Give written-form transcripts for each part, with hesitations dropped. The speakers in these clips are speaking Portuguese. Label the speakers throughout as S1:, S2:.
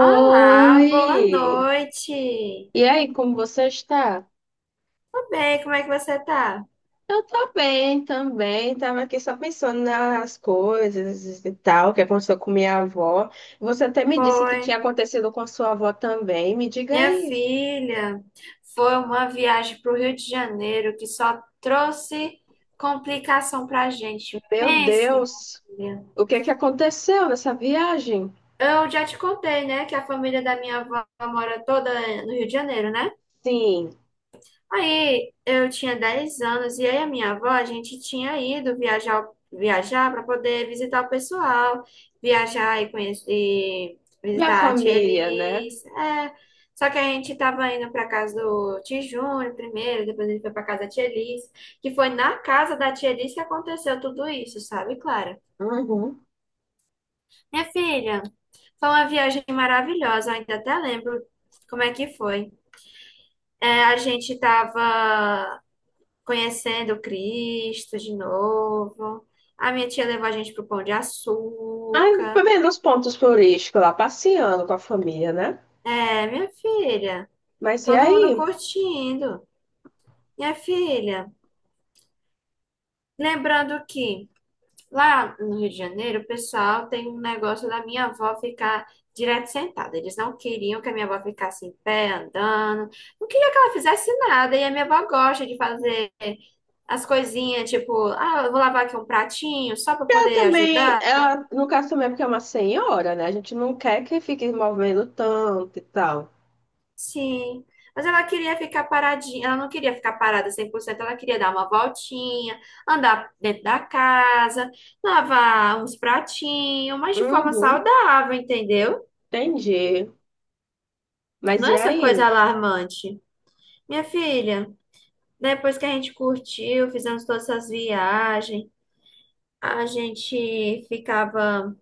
S1: Olá, boa noite.
S2: E aí, como você está?
S1: Tudo bem, como é que você tá?
S2: Eu tô bem também, tava aqui só pensando nas coisas e tal, que aconteceu com minha avó. Você até me disse que tinha
S1: Foi.
S2: acontecido com sua avó também. Me diga
S1: Minha
S2: aí,
S1: filha, foi uma viagem para o Rio de Janeiro que só trouxe complicação pra gente.
S2: meu
S1: Pense, minha
S2: Deus,
S1: filha.
S2: o que é que aconteceu nessa viagem?
S1: Eu já te contei, né, que a família da minha avó mora toda no Rio de Janeiro, né?
S2: Sim,
S1: Aí eu tinha 10 anos e aí a minha avó, a gente tinha ido viajar para poder visitar o pessoal, viajar e conhecer, e
S2: minha
S1: visitar a tia
S2: família, né?
S1: Elis. É. Só que a gente estava indo para casa do tio Júnior primeiro, depois ele foi para casa da tia Elis, que foi na casa da tia Elis que aconteceu tudo isso, sabe, Clara?
S2: Uhum.
S1: Minha filha, foi uma viagem maravilhosa, eu ainda até lembro como é que foi. É, a gente estava conhecendo Cristo de novo. A minha tia levou a gente pro Pão de
S2: Ai,
S1: Açúcar.
S2: pelo menos pontos turísticos lá, passeando com a família, né?
S1: É, minha filha,
S2: Mas e
S1: todo mundo
S2: aí?
S1: curtindo. Minha filha, lembrando que lá no Rio de Janeiro, o pessoal tem um negócio da minha avó ficar direto sentada. Eles não queriam que a minha avó ficasse em pé, andando. Não queria que ela fizesse nada. E a minha avó gosta de fazer as coisinhas, tipo, ah, eu vou lavar aqui um pratinho só para poder
S2: Também,
S1: ajudar.
S2: ela, no caso também, é porque é uma senhora, né? A gente não quer que fique movendo tanto e tal.
S1: Sim, mas ela queria ficar paradinha, ela não queria ficar parada 100%, ela queria dar uma voltinha, andar dentro da casa, lavar uns pratinhos, mas de forma
S2: Uhum,
S1: saudável, entendeu?
S2: entendi. Mas
S1: Não
S2: e
S1: é essa coisa
S2: aí?
S1: alarmante. Minha filha, depois que a gente curtiu, fizemos todas essas viagens, a gente ficava.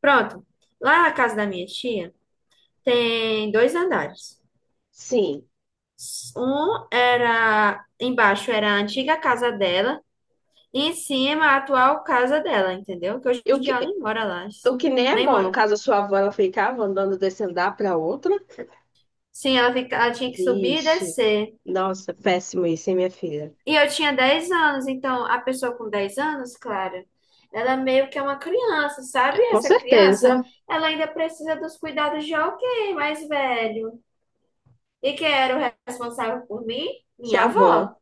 S1: Pronto, lá na casa da minha tia tem dois andares.
S2: Sim.
S1: Um era embaixo, era a antiga casa dela. Em cima, a atual casa dela, entendeu? Que hoje
S2: E
S1: em
S2: o
S1: dia
S2: que,
S1: ela nem mora lá.
S2: o que nem é
S1: Nem
S2: bom, no
S1: mora.
S2: caso, a sua avó, ela ficava andando desse andar para outra?
S1: Sim, ela fica, ela tinha que subir e
S2: Vixe.
S1: descer.
S2: Nossa, péssimo isso, hein, minha filha?
S1: E eu tinha 10 anos, então a pessoa com 10 anos, claro, ela meio que é uma criança,
S2: É,
S1: sabe?
S2: com
S1: Essa criança,
S2: certeza,
S1: ela ainda precisa dos cuidados de alguém mais velho. E quem era o responsável por mim?
S2: sua
S1: Minha
S2: avó.
S1: avó.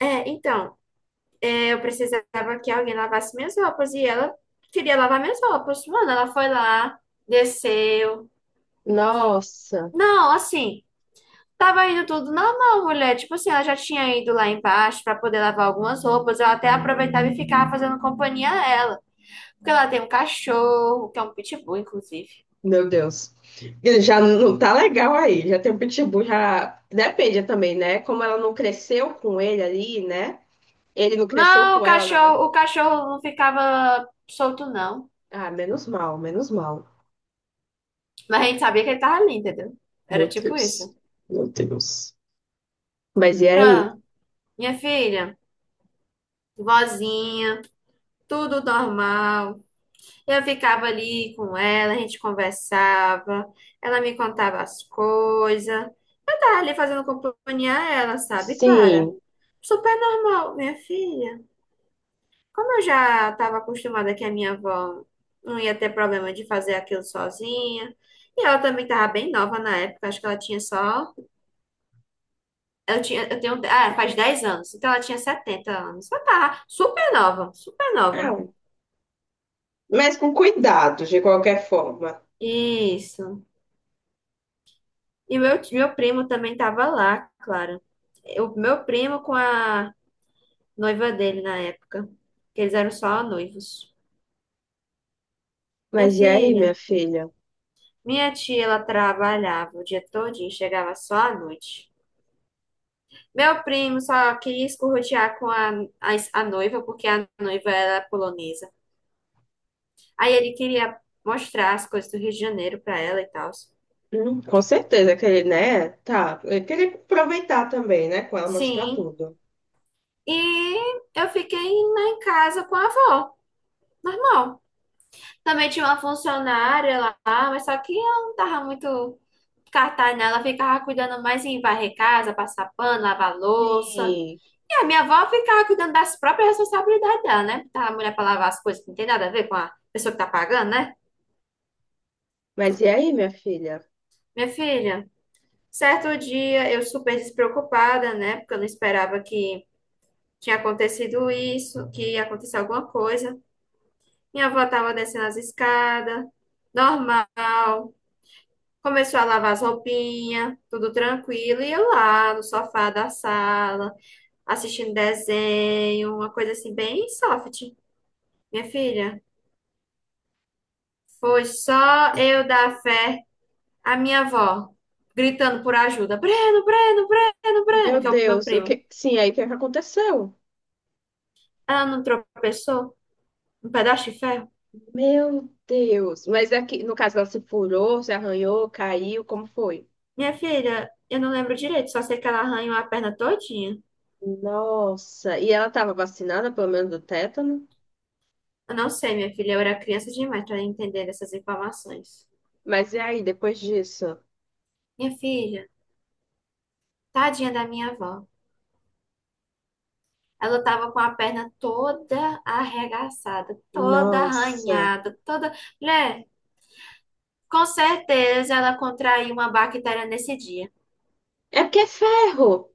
S1: É, então, é, eu precisava que alguém lavasse minhas roupas e ela queria lavar minhas roupas. Mano, ela foi lá, desceu.
S2: Nossa,
S1: Não, assim, tava indo tudo normal, mulher. Tipo assim, ela já tinha ido lá embaixo pra poder lavar algumas roupas. Eu até aproveitava e ficava fazendo companhia a ela. Porque ela tem um cachorro, que é um pitbull, inclusive.
S2: meu Deus. Ele já não tá legal aí, já tem um pitbull, já. Depende também, né? Como ela não cresceu com ele ali, né? Ele não cresceu
S1: Mas
S2: com ela, na verdade.
S1: o cachorro não ficava solto, não.
S2: Ah, menos mal, menos mal.
S1: Mas a gente sabia que ele tava ali, entendeu? Era
S2: Meu
S1: tipo
S2: Deus.
S1: isso.
S2: Meu Deus. Mas e aí?
S1: Ah, minha filha, vozinha, tudo normal. Eu ficava ali com ela, a gente conversava, ela me contava as coisas. Eu tava ali fazendo companhia a ela, sabe, Clara?
S2: Sim.
S1: Super normal, minha filha. Como eu já estava acostumada que a minha avó não ia ter problema de fazer aquilo sozinha, e ela também estava bem nova na época, acho que ela tinha só. Eu tinha, eu tenho, faz 10 anos, então ela tinha 70 anos. Ela tava super nova, super nova.
S2: Ah, mas com cuidado, de qualquer forma.
S1: Isso. E meu, meu primo também tava lá, claro. O meu primo com a noiva dele na época, que eles eram só noivos. Minha
S2: Mas e aí,
S1: filha,
S2: minha filha?
S1: minha tia, ela trabalhava o dia todo e chegava só à noite. Meu primo só queria escorrotear com a, a noiva, porque a noiva era polonesa. Aí ele queria mostrar as coisas do Rio de Janeiro pra ela e tal.
S2: Com certeza que ele, né? Tá. Ele queria aproveitar também, né? Com ela mostrar
S1: Sim.
S2: tudo.
S1: E eu fiquei lá em casa com a avó, normal. Também tinha uma funcionária lá, mas só que ela não tava muito cartaz nela. Ela ficava cuidando mais em varrer casa, passar pano, lavar louça.
S2: Sim.
S1: E a minha avó ficava cuidando das próprias responsabilidades dela, né? Botar a mulher pra lavar as coisas que não tem nada a ver com a pessoa que tá pagando, né?
S2: Mas e aí, minha filha?
S1: Minha filha, certo dia eu super despreocupada, né? Porque eu não esperava que tinha acontecido isso, que ia acontecer alguma coisa. Minha avó tava descendo as escadas, normal. Começou a lavar as roupinhas, tudo tranquilo, e eu lá no sofá da sala, assistindo desenho, uma coisa assim, bem soft. Minha filha, foi só eu dar fé à minha avó, gritando por ajuda: Breno, Breno, Breno, Breno,
S2: Meu
S1: que é o meu
S2: Deus, o
S1: primo.
S2: que. Sim, aí o que é que aconteceu?
S1: Ela não tropeçou? Um pedaço de ferro?
S2: Meu Deus. Mas aqui, no caso, ela se furou, se arranhou, caiu, como foi?
S1: Minha filha, eu não lembro direito, só sei que ela arranhou a perna todinha.
S2: Nossa, e ela estava vacinada, pelo menos do tétano?
S1: Eu não sei, minha filha, eu era criança demais para entender essas informações.
S2: Mas e aí, depois disso?
S1: Minha filha, tadinha da minha avó. Ela tava com a perna toda arregaçada, toda
S2: Nossa,
S1: arranhada, toda. Mulher, com certeza ela contraiu uma bactéria nesse dia.
S2: é porque é ferro!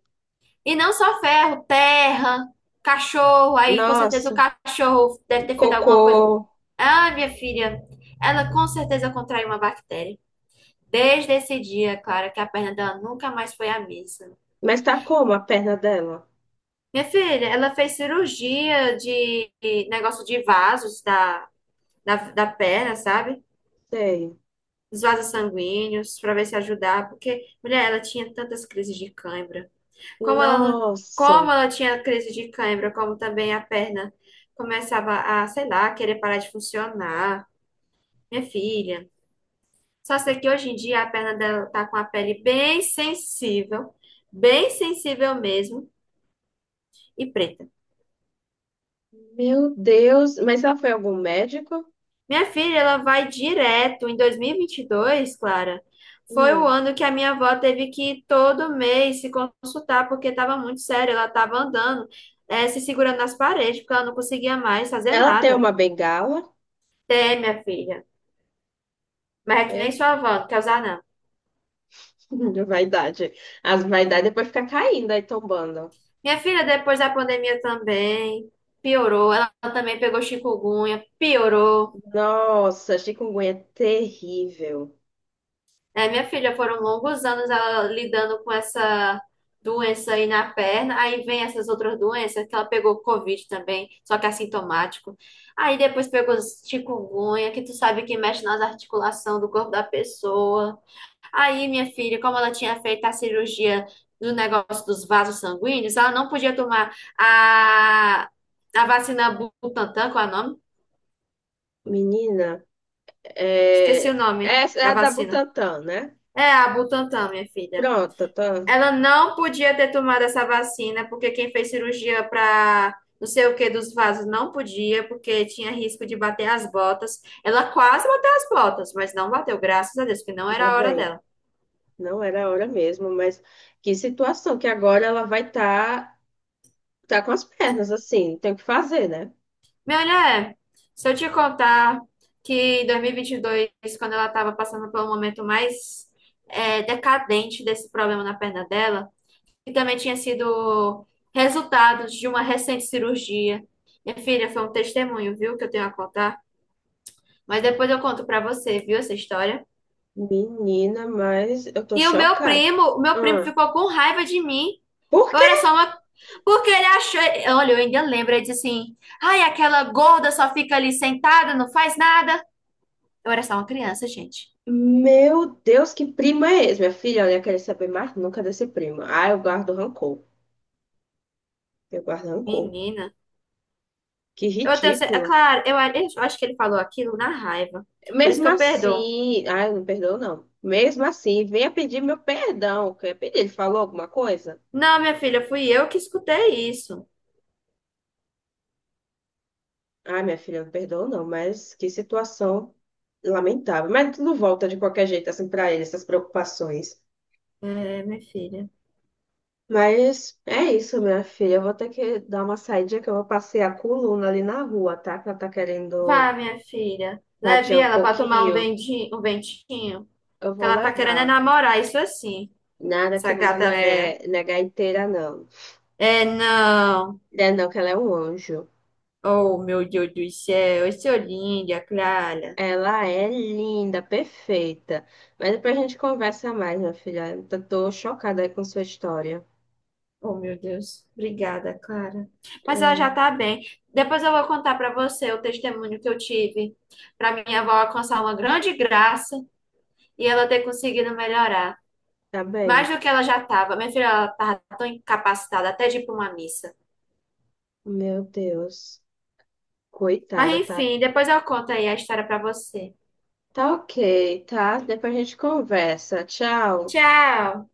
S1: E não só ferro, terra, cachorro. Aí com certeza o
S2: Nossa,
S1: cachorro deve ter feito alguma coisa.
S2: cocô.
S1: Ah, minha filha, ela com certeza contraiu uma bactéria. Desde esse dia, Clara, que a perna dela nunca mais foi a mesma.
S2: Mas tá como a perna dela?
S1: Minha filha, ela fez cirurgia de negócio de vasos da, da perna, sabe?
S2: Sei.
S1: Dos vasos sanguíneos, para ver se ajudar, porque, mulher, ela tinha tantas crises de cãibra. Como ela não,
S2: Nossa,
S1: como ela tinha crise de cãibra, como também a perna começava a, sei lá, querer parar de funcionar. Minha filha, só sei que hoje em dia a perna dela tá com a pele bem sensível mesmo, e preta.
S2: meu Deus. Mas ela foi a algum médico?
S1: Minha filha, ela vai direto. Em dois mil e vinte e dois, Clara, foi o
S2: Hum.
S1: ano que a minha avó teve que ir todo mês se consultar, porque estava muito sério. Ela estava andando, se segurando nas paredes, porque ela não conseguia mais fazer
S2: Ela tem
S1: nada.
S2: uma bengala?
S1: Tem, minha filha. Mas é que nem
S2: Eu.
S1: sua avó, não quer usar, não.
S2: Vaidade. As vaidades depois fica caindo aí, tombando.
S1: Minha filha, depois da pandemia também, piorou. Ela também pegou chikungunya, piorou.
S2: Nossa, chikungunya é terrível.
S1: É, minha filha, foram longos anos ela lidando com essa doença aí na perna. Aí vem essas outras doenças que ela pegou, Covid também, só que é assintomático. Aí depois pegou chikungunya, que tu sabe que mexe nas articulações do corpo da pessoa. Aí, minha filha, como ela tinha feito a cirurgia do negócio dos vasos sanguíneos, ela não podia tomar a, a, vacina Butantan, qual é o nome?
S2: Menina.
S1: Esqueci o
S2: É,
S1: nome
S2: essa é
S1: da
S2: a da
S1: vacina.
S2: Butantan, né?
S1: É a Butantan, minha filha.
S2: Pronto, tá.
S1: Ela não podia ter tomado essa vacina, porque quem fez cirurgia para não sei o que dos vasos não podia, porque tinha risco de bater as botas. Ela quase bateu as botas, mas não bateu, graças a Deus, porque não era
S2: Ainda
S1: a hora
S2: bem.
S1: dela.
S2: Não era a hora mesmo, mas que situação que agora ela vai estar tá com as pernas assim, tem o que fazer, né?
S1: Minha mulher, se eu te contar que em 2022, quando ela estava passando pelo momento mais decadente desse problema na perna dela, que também tinha sido resultado de uma recente cirurgia. Minha filha, foi um testemunho, viu, que eu tenho a contar. Mas depois eu conto pra você, viu, essa história.
S2: Menina, mas eu tô
S1: E
S2: chocada.
S1: o meu primo
S2: Ah,
S1: ficou com raiva de mim.
S2: por quê?
S1: Olha só uma. Porque ele achou. Olha, eu ainda lembro, ele disse assim: ai, aquela gorda só fica ali sentada, não faz nada. Eu era só uma criança, gente.
S2: Meu Deus, que prima é esse? Minha filha, olha, eu quero saber mais nunca desse primo. Ah, eu guardo rancor. Eu guardo rancor.
S1: Menina.
S2: Que
S1: Eu tenho. É
S2: ridículo.
S1: claro, eu acho que ele falou aquilo na raiva. Por isso
S2: Mesmo
S1: que eu perdoo.
S2: assim, ai, não perdoou, não. Mesmo assim, venha pedir meu perdão. Que eu ia pedir. Ele falou alguma coisa?
S1: Não, minha filha, fui eu que escutei isso.
S2: Ai, minha filha, não perdoou, não, mas que situação lamentável. Mas tudo volta de qualquer jeito, assim, pra ele, essas preocupações.
S1: É, minha filha.
S2: Mas é isso, minha filha. Eu vou ter que dar uma saída que eu vou passear com o Luna ali na rua, tá? Que ela tá querendo
S1: Vá, minha filha. Leve
S2: vadiar um
S1: ela pra tomar um
S2: pouquinho.
S1: um ventinho.
S2: Eu
S1: Que
S2: vou
S1: ela tá querendo é
S2: levar.
S1: namorar, isso assim,
S2: Nada
S1: essa
S2: que Luna não
S1: gata véia.
S2: é, não é gaiteira, não.
S1: É, não.
S2: Não é não, que ela é um anjo.
S1: Oh, meu Deus do céu. Esse olhinho, a Clara.
S2: Ela é linda, perfeita. Mas depois a gente conversa mais, minha filha. Eu tô chocada aí com sua história.
S1: Oh, meu Deus. Obrigada, Clara. Mas ela
S2: Ah,
S1: já tá bem. Depois eu vou contar pra você o testemunho que eu tive pra minha avó alcançar uma grande graça e ela ter conseguido melhorar.
S2: tá
S1: Mais
S2: bem.
S1: do que ela já tava. Minha filha, ela tava tão incapacitada até de ir pra uma missa.
S2: Meu Deus.
S1: Mas
S2: Coitada, tá?
S1: enfim, depois eu conto aí a história pra você.
S2: Tá ok, tá? Depois a gente conversa. Tchau.
S1: Tchau!